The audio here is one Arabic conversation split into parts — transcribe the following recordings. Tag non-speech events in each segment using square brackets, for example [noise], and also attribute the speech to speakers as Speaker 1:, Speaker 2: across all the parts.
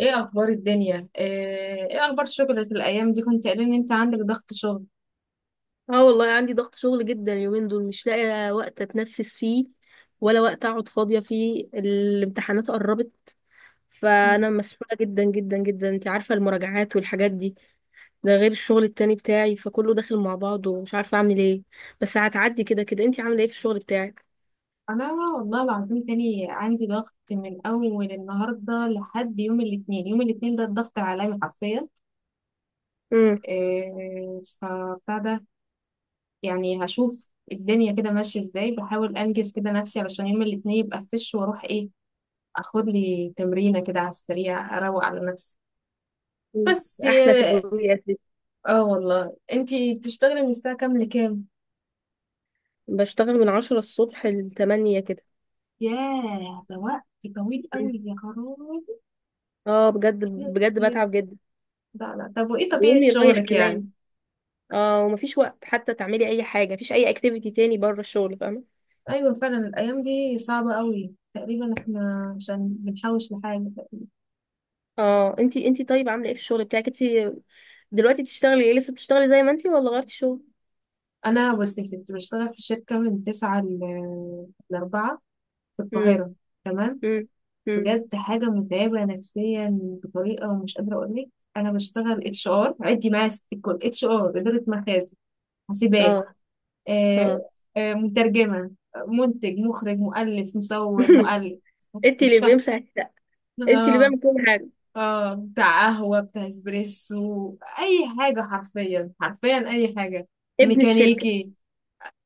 Speaker 1: ايه اخبار الدنيا؟ ايه اخبار شغلك الايام دي؟ كنت قايل ان انت عندك ضغط شغل.
Speaker 2: اه، والله عندي ضغط شغل جدا اليومين دول، مش لاقي وقت اتنفس فيه ولا وقت اقعد فاضية فيه. الامتحانات قربت،
Speaker 1: مم.
Speaker 2: فانا مسحولة جدا جدا جدا. انت عارفة المراجعات والحاجات دي. ده غير الشغل التاني بتاعي، فكله داخل مع بعضه ومش عارفة اعمل ايه. بس هتعدي كده كده. انت عاملة ايه في الشغل بتاعك؟
Speaker 1: انا والله العظيم تاني عندي ضغط من اول النهارده لحد يوم الاثنين. يوم الاثنين ده الضغط العالمي حرفيا.
Speaker 2: امم.
Speaker 1: إيه فبتاع ده. يعني هشوف الدنيا كده ماشيه ازاي، بحاول انجز كده نفسي علشان يوم الاثنين يبقى فش واروح اخد لي تمرينه كده على السريع اروق على نفسي. بس
Speaker 2: احلى
Speaker 1: إيه،
Speaker 2: تجربة يا ستي.
Speaker 1: اه والله. انتي بتشتغلي من الساعه كام لكام؟
Speaker 2: بشتغل من 10 الصبح ل8 كده.
Speaker 1: ياه ده وقت طويل
Speaker 2: مم.
Speaker 1: قوي يا خرابي.
Speaker 2: اه بجد
Speaker 1: كتير
Speaker 2: بجد
Speaker 1: كتير.
Speaker 2: بتعب جدا.
Speaker 1: لا لا، طب وايه طبيعة
Speaker 2: ويومي رايح
Speaker 1: شغلك
Speaker 2: كمان.
Speaker 1: يعني؟
Speaker 2: اه ومفيش وقت حتى تعملي اي حاجه، مفيش اي اكتيفيتي تاني بره الشغل، فاهمه؟
Speaker 1: ايوه فعلا، الايام دي صعبة قوي تقريبا، احنا عشان بنحوش لحاجة تقريبا.
Speaker 2: اه، انتي طيب عامله ايه في الشغل بتاعك انتي دلوقتي؟ بتشتغلي ايه؟ لسه بتشتغلي زي ما انتي ولا غيرتي شغل؟
Speaker 1: انا بص يا ستي، بشتغل في شركة من تسعة لأربعة في
Speaker 2: امم.
Speaker 1: القاهرة. تمام.
Speaker 2: امم. امم.
Speaker 1: بجد حاجة متعبة نفسيا، بطريقة مش قادرة اقول لك. انا بشتغل HR، عدي معايا ست الكل: HR، إدارة مخازن، حاسبات.
Speaker 2: اه. اه.
Speaker 1: آه، مترجمة، منتج، مخرج، مؤلف، مصور،
Speaker 2: [laughs]
Speaker 1: مؤلف.
Speaker 2: انتي
Speaker 1: مش
Speaker 2: اللي
Speaker 1: فاهمة.
Speaker 2: بيمسح الشقه، انتي اللي
Speaker 1: اه.
Speaker 2: بيعمل كل حاجه.
Speaker 1: اه بتاع قهوة، بتاع اسبريسو، أي حاجة حرفيا حرفيا، أي حاجة.
Speaker 2: ابن الشركه.
Speaker 1: ميكانيكي.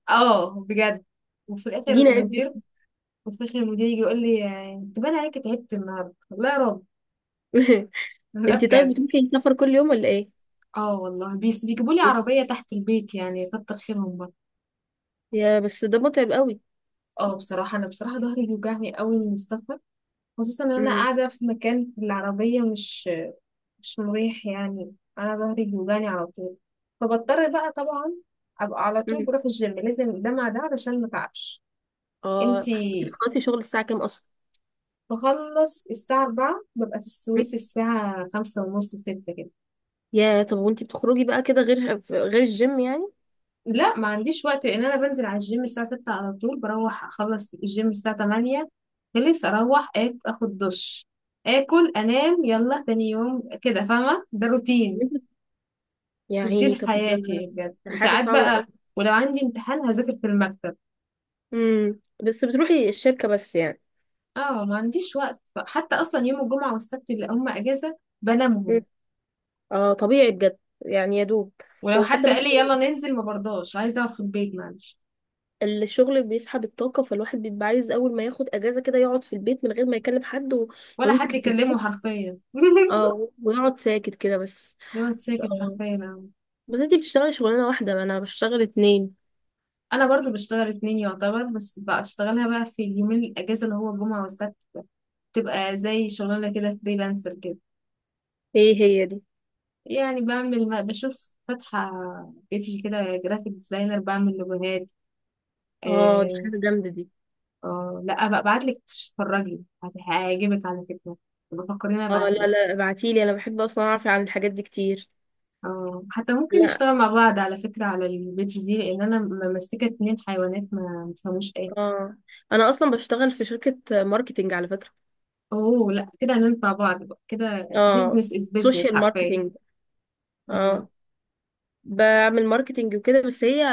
Speaker 1: اه بجد. وفي الآخر
Speaker 2: دينا ابن.
Speaker 1: المدير. وفي الآخر المدير يجي يقول لي: انت باين عليك تعبت النهاردة، والله يا راجل.
Speaker 2: [laughs]
Speaker 1: لا
Speaker 2: انتي طيب
Speaker 1: بجد.
Speaker 2: بتروحي السفر كل يوم ولا ايه؟
Speaker 1: اه والله، بيس بيجيبوا لي عربية تحت البيت، يعني كتر خيرهم بقى.
Speaker 2: يا بس ده متعب قوي.
Speaker 1: اه بصراحة، أنا بصراحة ظهري بيوجعني قوي من السفر، خصوصا ان انا
Speaker 2: امم.
Speaker 1: قاعده في مكان في العربيه مش مريح، يعني انا ظهري بيوجعني على طول. فبضطر بقى طبعا ابقى على طول
Speaker 2: امم.
Speaker 1: بروح الجيم، لازم ده مع ده علشان ما تعبش.
Speaker 2: اه
Speaker 1: انتي.
Speaker 2: انتي بتخلصي شغل الساعه كام اصلا؟
Speaker 1: بخلص الساعه 4، ببقى في
Speaker 2: مم.
Speaker 1: السويس الساعه خمسة ونص، ستة كده.
Speaker 2: يا طب وانتي بتخرجي بقى كده غير، غير الجيم يعني؟
Speaker 1: لا ما عنديش وقت، لان انا بنزل على الجيم الساعه 6، على طول بروح اخلص الجيم الساعه 8، خلص اروح اخد دش، اكل، انام، يلا تاني يوم كده، فاهمه، ده روتين.
Speaker 2: يا
Speaker 1: روتين
Speaker 2: عيني طب ده،
Speaker 1: حياتي بجد.
Speaker 2: ده حاجة
Speaker 1: وساعات
Speaker 2: صعبة
Speaker 1: بقى
Speaker 2: أوي.
Speaker 1: ولو عندي امتحان هذاكر في المكتب.
Speaker 2: امم. بس بتروحي الشركة بس يعني؟
Speaker 1: اه ما عنديش وقت، حتى اصلا يوم الجمعة والسبت اللي هم اجازة
Speaker 2: مم.
Speaker 1: بنامهم.
Speaker 2: اه طبيعي بجد. يعني يا دوب.
Speaker 1: ولو
Speaker 2: وحتى
Speaker 1: حد قال
Speaker 2: الواحد،
Speaker 1: لي يلا ننزل ما برضاش، عايزة اقعد في البيت معلش.
Speaker 2: الشغل بيسحب الطاقة، فالواحد بيبقى عايز أول ما ياخد أجازة كده يقعد في البيت من غير ما يكلم حد و
Speaker 1: ولا
Speaker 2: ويمسك
Speaker 1: حد
Speaker 2: التليفون.
Speaker 1: يكلمه حرفيا [laughs]
Speaker 2: اه ويقعد ساكت كده بس.
Speaker 1: دايما ساكت
Speaker 2: اه،
Speaker 1: حرفيا أنا.
Speaker 2: بس انتي بتشتغلي شغلانة واحدة، أنا بشتغل اتنين.
Speaker 1: أنا برضو بشتغل اتنين يعتبر، بس بشتغلها بقى في اليومين الأجازة اللي هو الجمعة والسبت. تبقى زي شغلانة كده، فريلانسر كده.
Speaker 2: ايه هي دي؟
Speaker 1: يعني بعمل، بشوف فاتحة بيتي كده، جرافيك ديزاينر، بعمل لوجوهات.
Speaker 2: اه دي
Speaker 1: آه،
Speaker 2: حاجة جامدة دي.
Speaker 1: اه لا، ابقى ابعتلك تتفرجي، هيعجبك على فكرة. بفكرين
Speaker 2: اه لا
Speaker 1: ابعتلك.
Speaker 2: لا ابعتيلي، أنا بحب أصلا أعرف عن الحاجات دي كتير.
Speaker 1: اه حتى ممكن
Speaker 2: لا.
Speaker 1: نشتغل مع بعض على فكرة، على البيج دي، لان انا ممسكة اتنين حيوانات ما مفهموش ايه.
Speaker 2: اه، أنا أصلا بشتغل في شركة ماركتينج على فكرة.
Speaker 1: اوه لا، كده هننفع بعض بقى كده،
Speaker 2: اه
Speaker 1: بيزنس از بيزنس
Speaker 2: سوشيال
Speaker 1: حرفيا.
Speaker 2: ماركتينج.
Speaker 1: مم.
Speaker 2: اه بعمل ماركتينج وكده، بس هي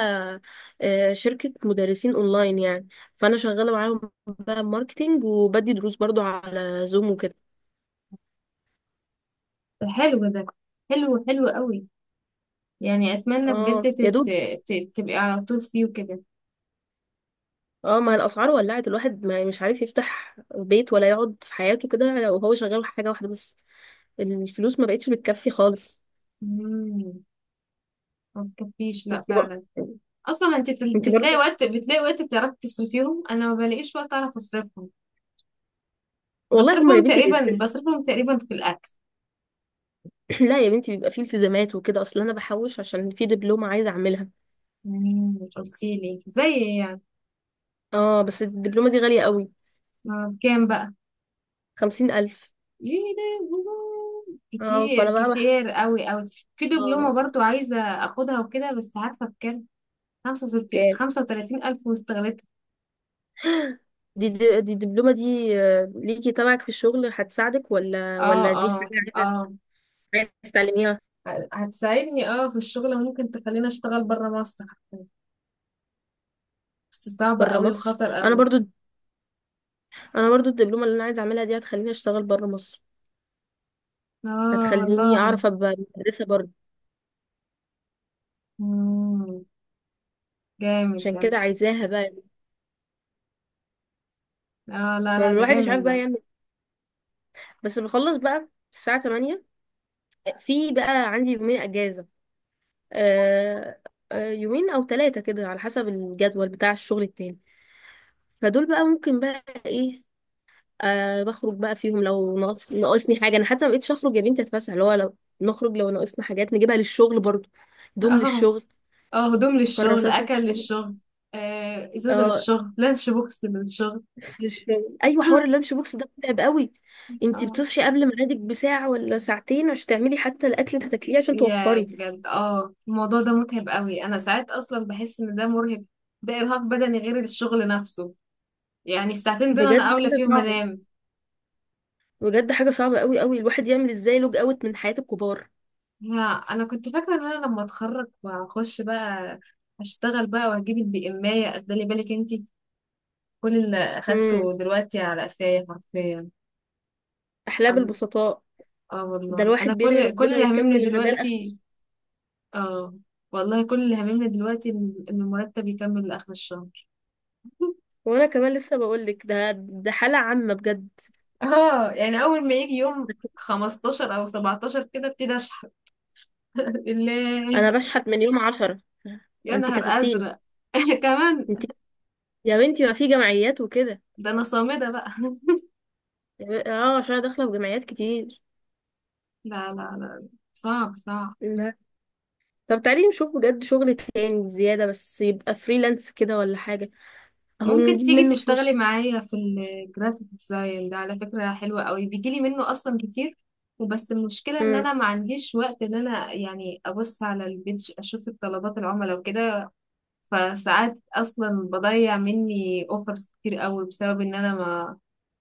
Speaker 2: آه، شركة مدرسين اونلاين يعني. فانا شغالة معاهم بقى ماركتينج وبدي دروس برضو على زوم وكده.
Speaker 1: ده حلو ده، حلو حلو قوي. يعني اتمنى
Speaker 2: اه
Speaker 1: بجد
Speaker 2: يا دوب.
Speaker 1: تبقي على طول فيه وكده.
Speaker 2: اه، ما الاسعار ولعت، الواحد ما يعني مش عارف يفتح بيت ولا يقعد في حياته كده لو هو شغال حاجة واحدة بس. الفلوس ما بقتش بتكفي خالص.
Speaker 1: مم. ما تكفيش،
Speaker 2: انت
Speaker 1: لا
Speaker 2: بقى.
Speaker 1: فعلا. اصلا انت
Speaker 2: انت
Speaker 1: بتلاقي
Speaker 2: برضه.
Speaker 1: وقت بتلاقي وقت تعرفي تصرفيهم، انا ما بلاقيش وقت اعرف اصرفهم.
Speaker 2: والله هما يا
Speaker 1: بصرفهم
Speaker 2: بنتي
Speaker 1: تقريبا بصرفهم تقريبا في الأكل.
Speaker 2: [clears throat] لا يا بنتي بيبقى فيه التزامات وكده. اصل انا بحوش عشان في دبلومة عايزة اعملها.
Speaker 1: يعني مش قلتيلي زي إيه يعني.
Speaker 2: اه بس الدبلومة دي غالية قوي.
Speaker 1: ما بكام بقى.
Speaker 2: 50,000.
Speaker 1: يا لهوي.
Speaker 2: اه
Speaker 1: كتير
Speaker 2: فأنا بقى
Speaker 1: كتير قوي قوي. في دبلومة
Speaker 2: اه.
Speaker 1: برضو عايزة أخدها وكده، بس عارفة بكام؟
Speaker 2: كام؟
Speaker 1: 35,000، واستغلتها.
Speaker 2: دي الدبلومة دي آه، ليكي تبعك في الشغل، هتساعدك ولا
Speaker 1: اه.
Speaker 2: ولا دي
Speaker 1: اه.
Speaker 2: حاجة عايزة،
Speaker 1: اه.
Speaker 2: عايزة تتعلميها؟
Speaker 1: هتساعدني في الشغل، وممكن تخليني أشتغل برا مصر حتى. بس صعبة
Speaker 2: بره
Speaker 1: قوي
Speaker 2: مصر.
Speaker 1: وخطر
Speaker 2: أنا
Speaker 1: قوي.
Speaker 2: برضو أنا برضو الدبلومة اللي أنا عايزة أعملها دي هتخليني أشتغل بره مصر.
Speaker 1: اه
Speaker 2: هتخليني
Speaker 1: والله.
Speaker 2: أعرف أبقى مدرسة برضو.
Speaker 1: مم. جامد
Speaker 2: عشان
Speaker 1: ده.
Speaker 2: كده عايزاها بقى.
Speaker 1: اه لا لا، ده
Speaker 2: الواحد مش
Speaker 1: جامد
Speaker 2: عارف بقى
Speaker 1: ده.
Speaker 2: يعمل إيه. بس بخلص بقى الساعة 8. في بقى عندي يومين أجازة. آه. آه، يومين أو ثلاثة كده على حسب الجدول بتاع الشغل التاني. فدول بقى ممكن بقى ايه؟ آه بخرج بقى فيهم لو ناقص، ناقصني حاجه. انا حتى ما بقتش اخرج يا بنتي اتفسح، اللي هو لو نخرج لو ناقصنا حاجات نجيبها للشغل برضو. دوم
Speaker 1: اه
Speaker 2: للشغل.
Speaker 1: اه، هدوم للشغل،
Speaker 2: كراسات
Speaker 1: اكل
Speaker 2: للشغل.
Speaker 1: للشغل، آه ازازه
Speaker 2: اه
Speaker 1: للشغل، لانش بوكس للشغل.
Speaker 2: لبس للشغل. ايوه، حوار
Speaker 1: [laughs]
Speaker 2: اللانش بوكس ده متعب قوي. انتي
Speaker 1: اه
Speaker 2: بتصحي قبل ميعادك بساعه ولا ساعتين عشان تعملي حتى الاكل اللي هتاكليه عشان
Speaker 1: يا
Speaker 2: توفري؟
Speaker 1: بجد، الموضوع ده متعب قوي، انا ساعات اصلا بحس ان ده مرهق. ده ارهاق بدني غير الشغل نفسه. يعني الساعتين دول انا
Speaker 2: بجد
Speaker 1: اولى
Speaker 2: حاجه
Speaker 1: فيهم
Speaker 2: صعبه.
Speaker 1: انام.
Speaker 2: بجد حاجه صعبه قوي قوي. الواحد يعمل ازاي لوج اوت من حياه الكبار؟
Speaker 1: لا انا كنت فاكره ان انا لما اتخرج واخش بقى هشتغل بقى واجيب البي ام، اخدلي بالك انتي. كل اللي
Speaker 2: امم.
Speaker 1: اخدته دلوقتي على قفايا حرفيا.
Speaker 2: احلام
Speaker 1: أم-
Speaker 2: البسطاء.
Speaker 1: اه
Speaker 2: ده
Speaker 1: والله
Speaker 2: الواحد
Speaker 1: انا،
Speaker 2: بيدعي
Speaker 1: كل
Speaker 2: ربنا
Speaker 1: اللي هممني
Speaker 2: يكمل غداه.
Speaker 1: دلوقتي. اه والله كل اللي هممنا دلوقتي ان المرتب يكمل لاخر الشهر.
Speaker 2: وانا كمان لسه بقولك، ده حالة عامة بجد.
Speaker 1: [laughs] اه يعني اول ما يجي يوم 15 او 17 كده ابتدي اشحن. [laughs] الله.
Speaker 2: انا بشحت من يوم 10.
Speaker 1: يا
Speaker 2: انت
Speaker 1: نهار
Speaker 2: كسبتيني.
Speaker 1: ازرق. [laughs] كمان.
Speaker 2: انت. يا بنتي، ما في جمعيات وكده.
Speaker 1: ده انا صامدة بقى [laughs]
Speaker 2: اه عشان انا داخلة في جمعيات كتير.
Speaker 1: لا لا لا، صعب صعب.
Speaker 2: لا. طب تعالي نشوف بجد شغل تاني زيادة، بس يبقى فريلانس كده ولا حاجة، اهو
Speaker 1: ممكن
Speaker 2: نجيب
Speaker 1: تيجي
Speaker 2: منه
Speaker 1: تشتغلي
Speaker 2: فلوس.
Speaker 1: معايا في الجرافيك ديزاين ده على فكرة، حلوة قوي، بيجيلي منه أصلا كتير. وبس المشكلة إن
Speaker 2: امم.
Speaker 1: أنا ما عنديش وقت، إن أنا يعني أبص على البيج، أشوف الطلبات العملاء وكده. فساعات اصلا بضيع مني اوفرز كتير قوي بسبب ان انا ما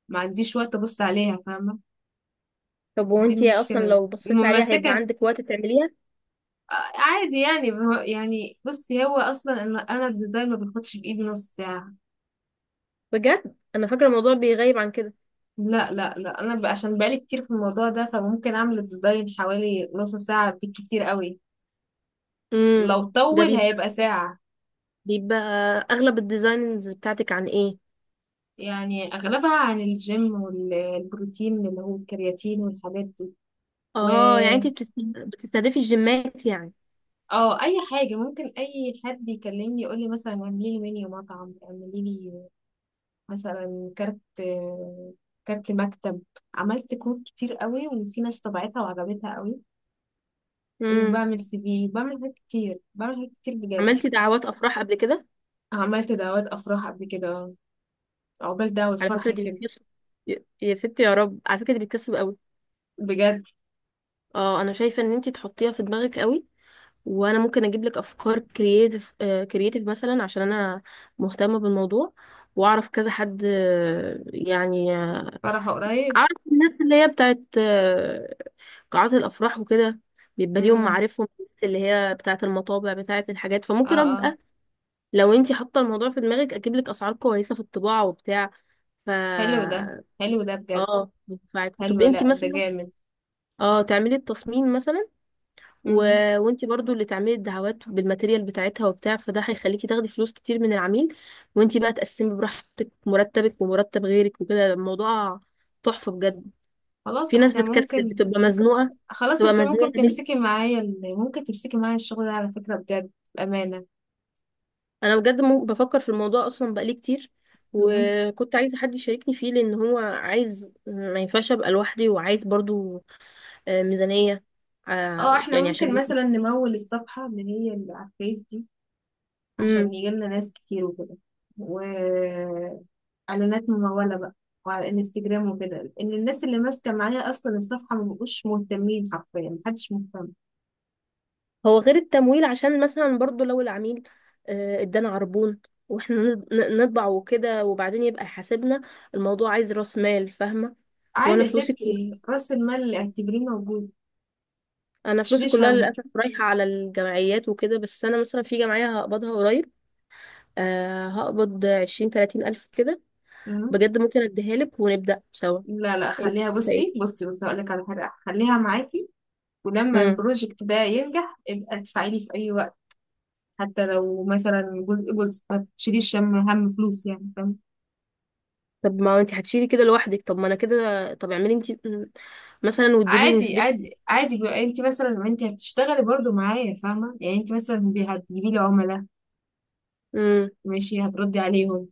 Speaker 1: ما عنديش وقت ابص عليها، فاهمه.
Speaker 2: طب
Speaker 1: دي
Speaker 2: وانتي اصلا
Speaker 1: المشكله.
Speaker 2: لو بصيتي عليها هيبقى
Speaker 1: ممسكه.
Speaker 2: عندك وقت تعمليها؟
Speaker 1: آه، عادي يعني، يعني بصي، هو اصلا انا الديزاين ما بياخدش بايدي نص ساعه.
Speaker 2: بجد انا فاكرة الموضوع بيغيب عن كده.
Speaker 1: لا لا لا، انا عشان بقالي كتير في الموضوع ده، فممكن اعمل الديزاين حوالي نص ساعه، بالكتير قوي.
Speaker 2: امم.
Speaker 1: لو
Speaker 2: ده
Speaker 1: طول
Speaker 2: بيبقى
Speaker 1: هيبقى ساعه.
Speaker 2: بيبقى اغلب الديزاينز بتاعتك عن ايه؟
Speaker 1: يعني اغلبها عن الجيم والبروتين اللي هو الكرياتين والحاجات دي.
Speaker 2: اه يعني انت بتستهدفي الجيمات يعني؟
Speaker 1: اه اي حاجه، ممكن اي حد يكلمني يقول لي مثلا اعملي لي منيو مطعم، اعملي لي مثلا كارت، كارت مكتب. عملت كروت كتير قوي، وفي ناس طبعتها وعجبتها قوي.
Speaker 2: امم.
Speaker 1: وبعمل CV، بعمل حاجات كتير، بجد.
Speaker 2: عملتي دعوات افراح قبل كده؟
Speaker 1: عملت دعوات افراح قبل كده. عقبال دعوة
Speaker 2: على
Speaker 1: فرح
Speaker 2: فكره دي
Speaker 1: كده.
Speaker 2: بتكسب. يا ستي يا رب، على فكره دي بتكسب قوي.
Speaker 1: بجد
Speaker 2: اه انا شايفه ان انت تحطيها في دماغك قوي. وانا ممكن اجيب لك افكار كرييتيف، كرييتيف مثلا عشان انا مهتمه بالموضوع. واعرف كذا حد آه، يعني آه،
Speaker 1: فرح قريب.
Speaker 2: اعرف الناس اللي هي بتاعت آه، قاعات الافراح وكده. بيبقى ليهم
Speaker 1: امم.
Speaker 2: معارفهم، الناس اللي هي بتاعت المطابع بتاعت الحاجات،
Speaker 1: اه اه،
Speaker 2: لو انتي حاطه الموضوع في دماغك اجيب لك اسعار كويسه في الطباعه وبتاع. ف
Speaker 1: حلو ده، حلو ده بجد.
Speaker 2: اه ينفعك. طب
Speaker 1: حلو، لا
Speaker 2: انتي
Speaker 1: ده
Speaker 2: مثلا
Speaker 1: جامد.
Speaker 2: اه تعملي التصميم مثلا و...
Speaker 1: امم.
Speaker 2: وانتي برضو اللي تعملي الدعوات بالماتيريال بتاعتها وبتاع، فده هيخليكي تاخدي فلوس كتير من العميل. وانتي بقى تقسمي براحتك مرتبك ومرتب غيرك وكده. الموضوع تحفه بجد.
Speaker 1: خلاص
Speaker 2: في ناس
Speaker 1: احنا
Speaker 2: بتكسل
Speaker 1: ممكن،
Speaker 2: بتبقى مزنوقه،
Speaker 1: خلاص،
Speaker 2: بتبقى
Speaker 1: انت ممكن
Speaker 2: مزنوقه
Speaker 1: تمسكي معايا ممكن تمسكي معايا الشغل ده على فكرة بجد، بأمانة.
Speaker 2: انا بجد بفكر في الموضوع اصلا بقالي كتير.
Speaker 1: مم.
Speaker 2: وكنت عايزه حد يشاركني فيه لان هو عايز، ما ينفعش ابقى لوحدي، وعايز برضو آه، ميزانيه
Speaker 1: اه
Speaker 2: آه،
Speaker 1: احنا
Speaker 2: يعني
Speaker 1: ممكن
Speaker 2: عشان
Speaker 1: مثلا
Speaker 2: [laughs]
Speaker 1: نمول الصفحة اللي هي اللي على الفيس دي، عشان
Speaker 2: امم.
Speaker 1: يجيلنا ناس كتير وكده، وإعلانات ممولة بقى. وعلى الانستجرام وكده، ان الناس اللي ماسكة معايا اصلا الصفحة ما بقوش مهتمين حرفيا، محدش مهتم.
Speaker 2: هو غير التمويل، عشان مثلا برضو لو العميل آه، ادانا عربون واحنا نطبع وكده وبعدين يبقى حاسبنا، الموضوع عايز راس مال فاهمه.
Speaker 1: عادي
Speaker 2: وانا
Speaker 1: يا
Speaker 2: فلوسي كلها
Speaker 1: ستي، رأس المال اعتبريه موجود.
Speaker 2: انا فلوسي
Speaker 1: متشيليش
Speaker 2: كلها
Speaker 1: هم.
Speaker 2: للاسف رايحه على الجمعيات وكده. بس انا مثلا في جمعيه هقبضها قريب آه، هقبض عشرين تلاتين الف كده.
Speaker 1: مم.
Speaker 2: بجد ممكن اديها لك ونبدا سوا.
Speaker 1: لا لا،
Speaker 2: انت
Speaker 1: خليها،
Speaker 2: شايفه
Speaker 1: بصي
Speaker 2: ايه؟
Speaker 1: بصي بصي، هقولك على حاجة، خليها معاكي. ولما
Speaker 2: امم.
Speaker 1: البروجكت ده ينجح ابقى ادفعي لي في اي وقت. حتى لو مثلا جزء جزء، ما تشيليش هم، هم فلوس يعني، فاهم.
Speaker 2: طب ما انت هتشيلي كده لوحدك، طب ما انا كده. طب اعملي انت. مم. مثلا واديلي
Speaker 1: عادي
Speaker 2: نسبتك.
Speaker 1: عادي عادي بقى، انت مثلا ما انت هتشتغلي برضو معايا فاهمه، يعني انت مثلا هتجيبي لي عملاء،
Speaker 2: امم.
Speaker 1: ماشي، هتردي عليهم،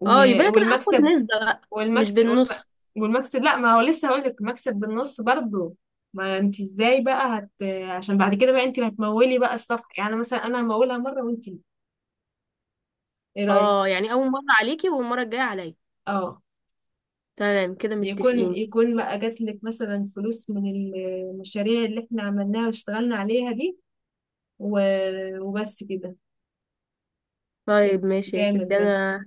Speaker 1: و...
Speaker 2: اه يبقى انا كده هاخد
Speaker 1: والمكسب
Speaker 2: نسبه بقى، مش
Speaker 1: والمكسب والم...
Speaker 2: بالنص.
Speaker 1: والمكسب، لا ما هو لسه هقول لك، المكسب بالنص برضو. ما انت ازاي بقى، عشان بعد كده بقى انت اللي هتمولي بقى الصفحه، يعني مثلا انا همولها مره وانت. ايه رايك؟
Speaker 2: اه يعني اول مره عليكي والمره الجايه عليا.
Speaker 1: اه
Speaker 2: تمام كده
Speaker 1: يكون
Speaker 2: متفقين.
Speaker 1: يكون بقى جات لك مثلا فلوس من المشاريع اللي احنا عملناها واشتغلنا عليها دي، وبس كده. يبقى
Speaker 2: طيب ماشي يا
Speaker 1: جامد
Speaker 2: ستي.
Speaker 1: ده.
Speaker 2: انا،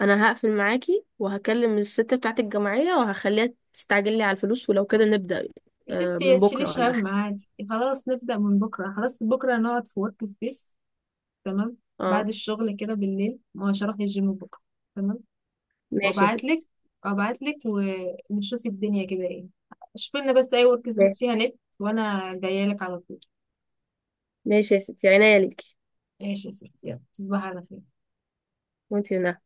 Speaker 2: انا هقفل معاكي وهكلم الست بتاعت الجمعيه وهخليها تستعجل لي على الفلوس ولو كده نبدا.
Speaker 1: يا
Speaker 2: آه
Speaker 1: ستي يا
Speaker 2: من بكره
Speaker 1: تشيليش
Speaker 2: ولا
Speaker 1: هم
Speaker 2: حاجه.
Speaker 1: عادي، خلاص نبدأ من بكرة، خلاص بكرة نقعد في ورك سبيس. تمام. بعد
Speaker 2: اه.
Speaker 1: الشغل كده بالليل، ما هوش هروح الجيم بكرة. تمام.
Speaker 2: ماشي يا
Speaker 1: وابعت لك
Speaker 2: ستي.
Speaker 1: وابعت لك. ونشوف الدنيا كده ايه. شوف لنا بس اي ورك سبيس
Speaker 2: ماشي
Speaker 1: فيها نت، وانا جايه لك على طول.
Speaker 2: ماشي يا ستي، عينيا ليكي.
Speaker 1: ماشي يا ستي، يلا تصبحي على خير.
Speaker 2: وانت.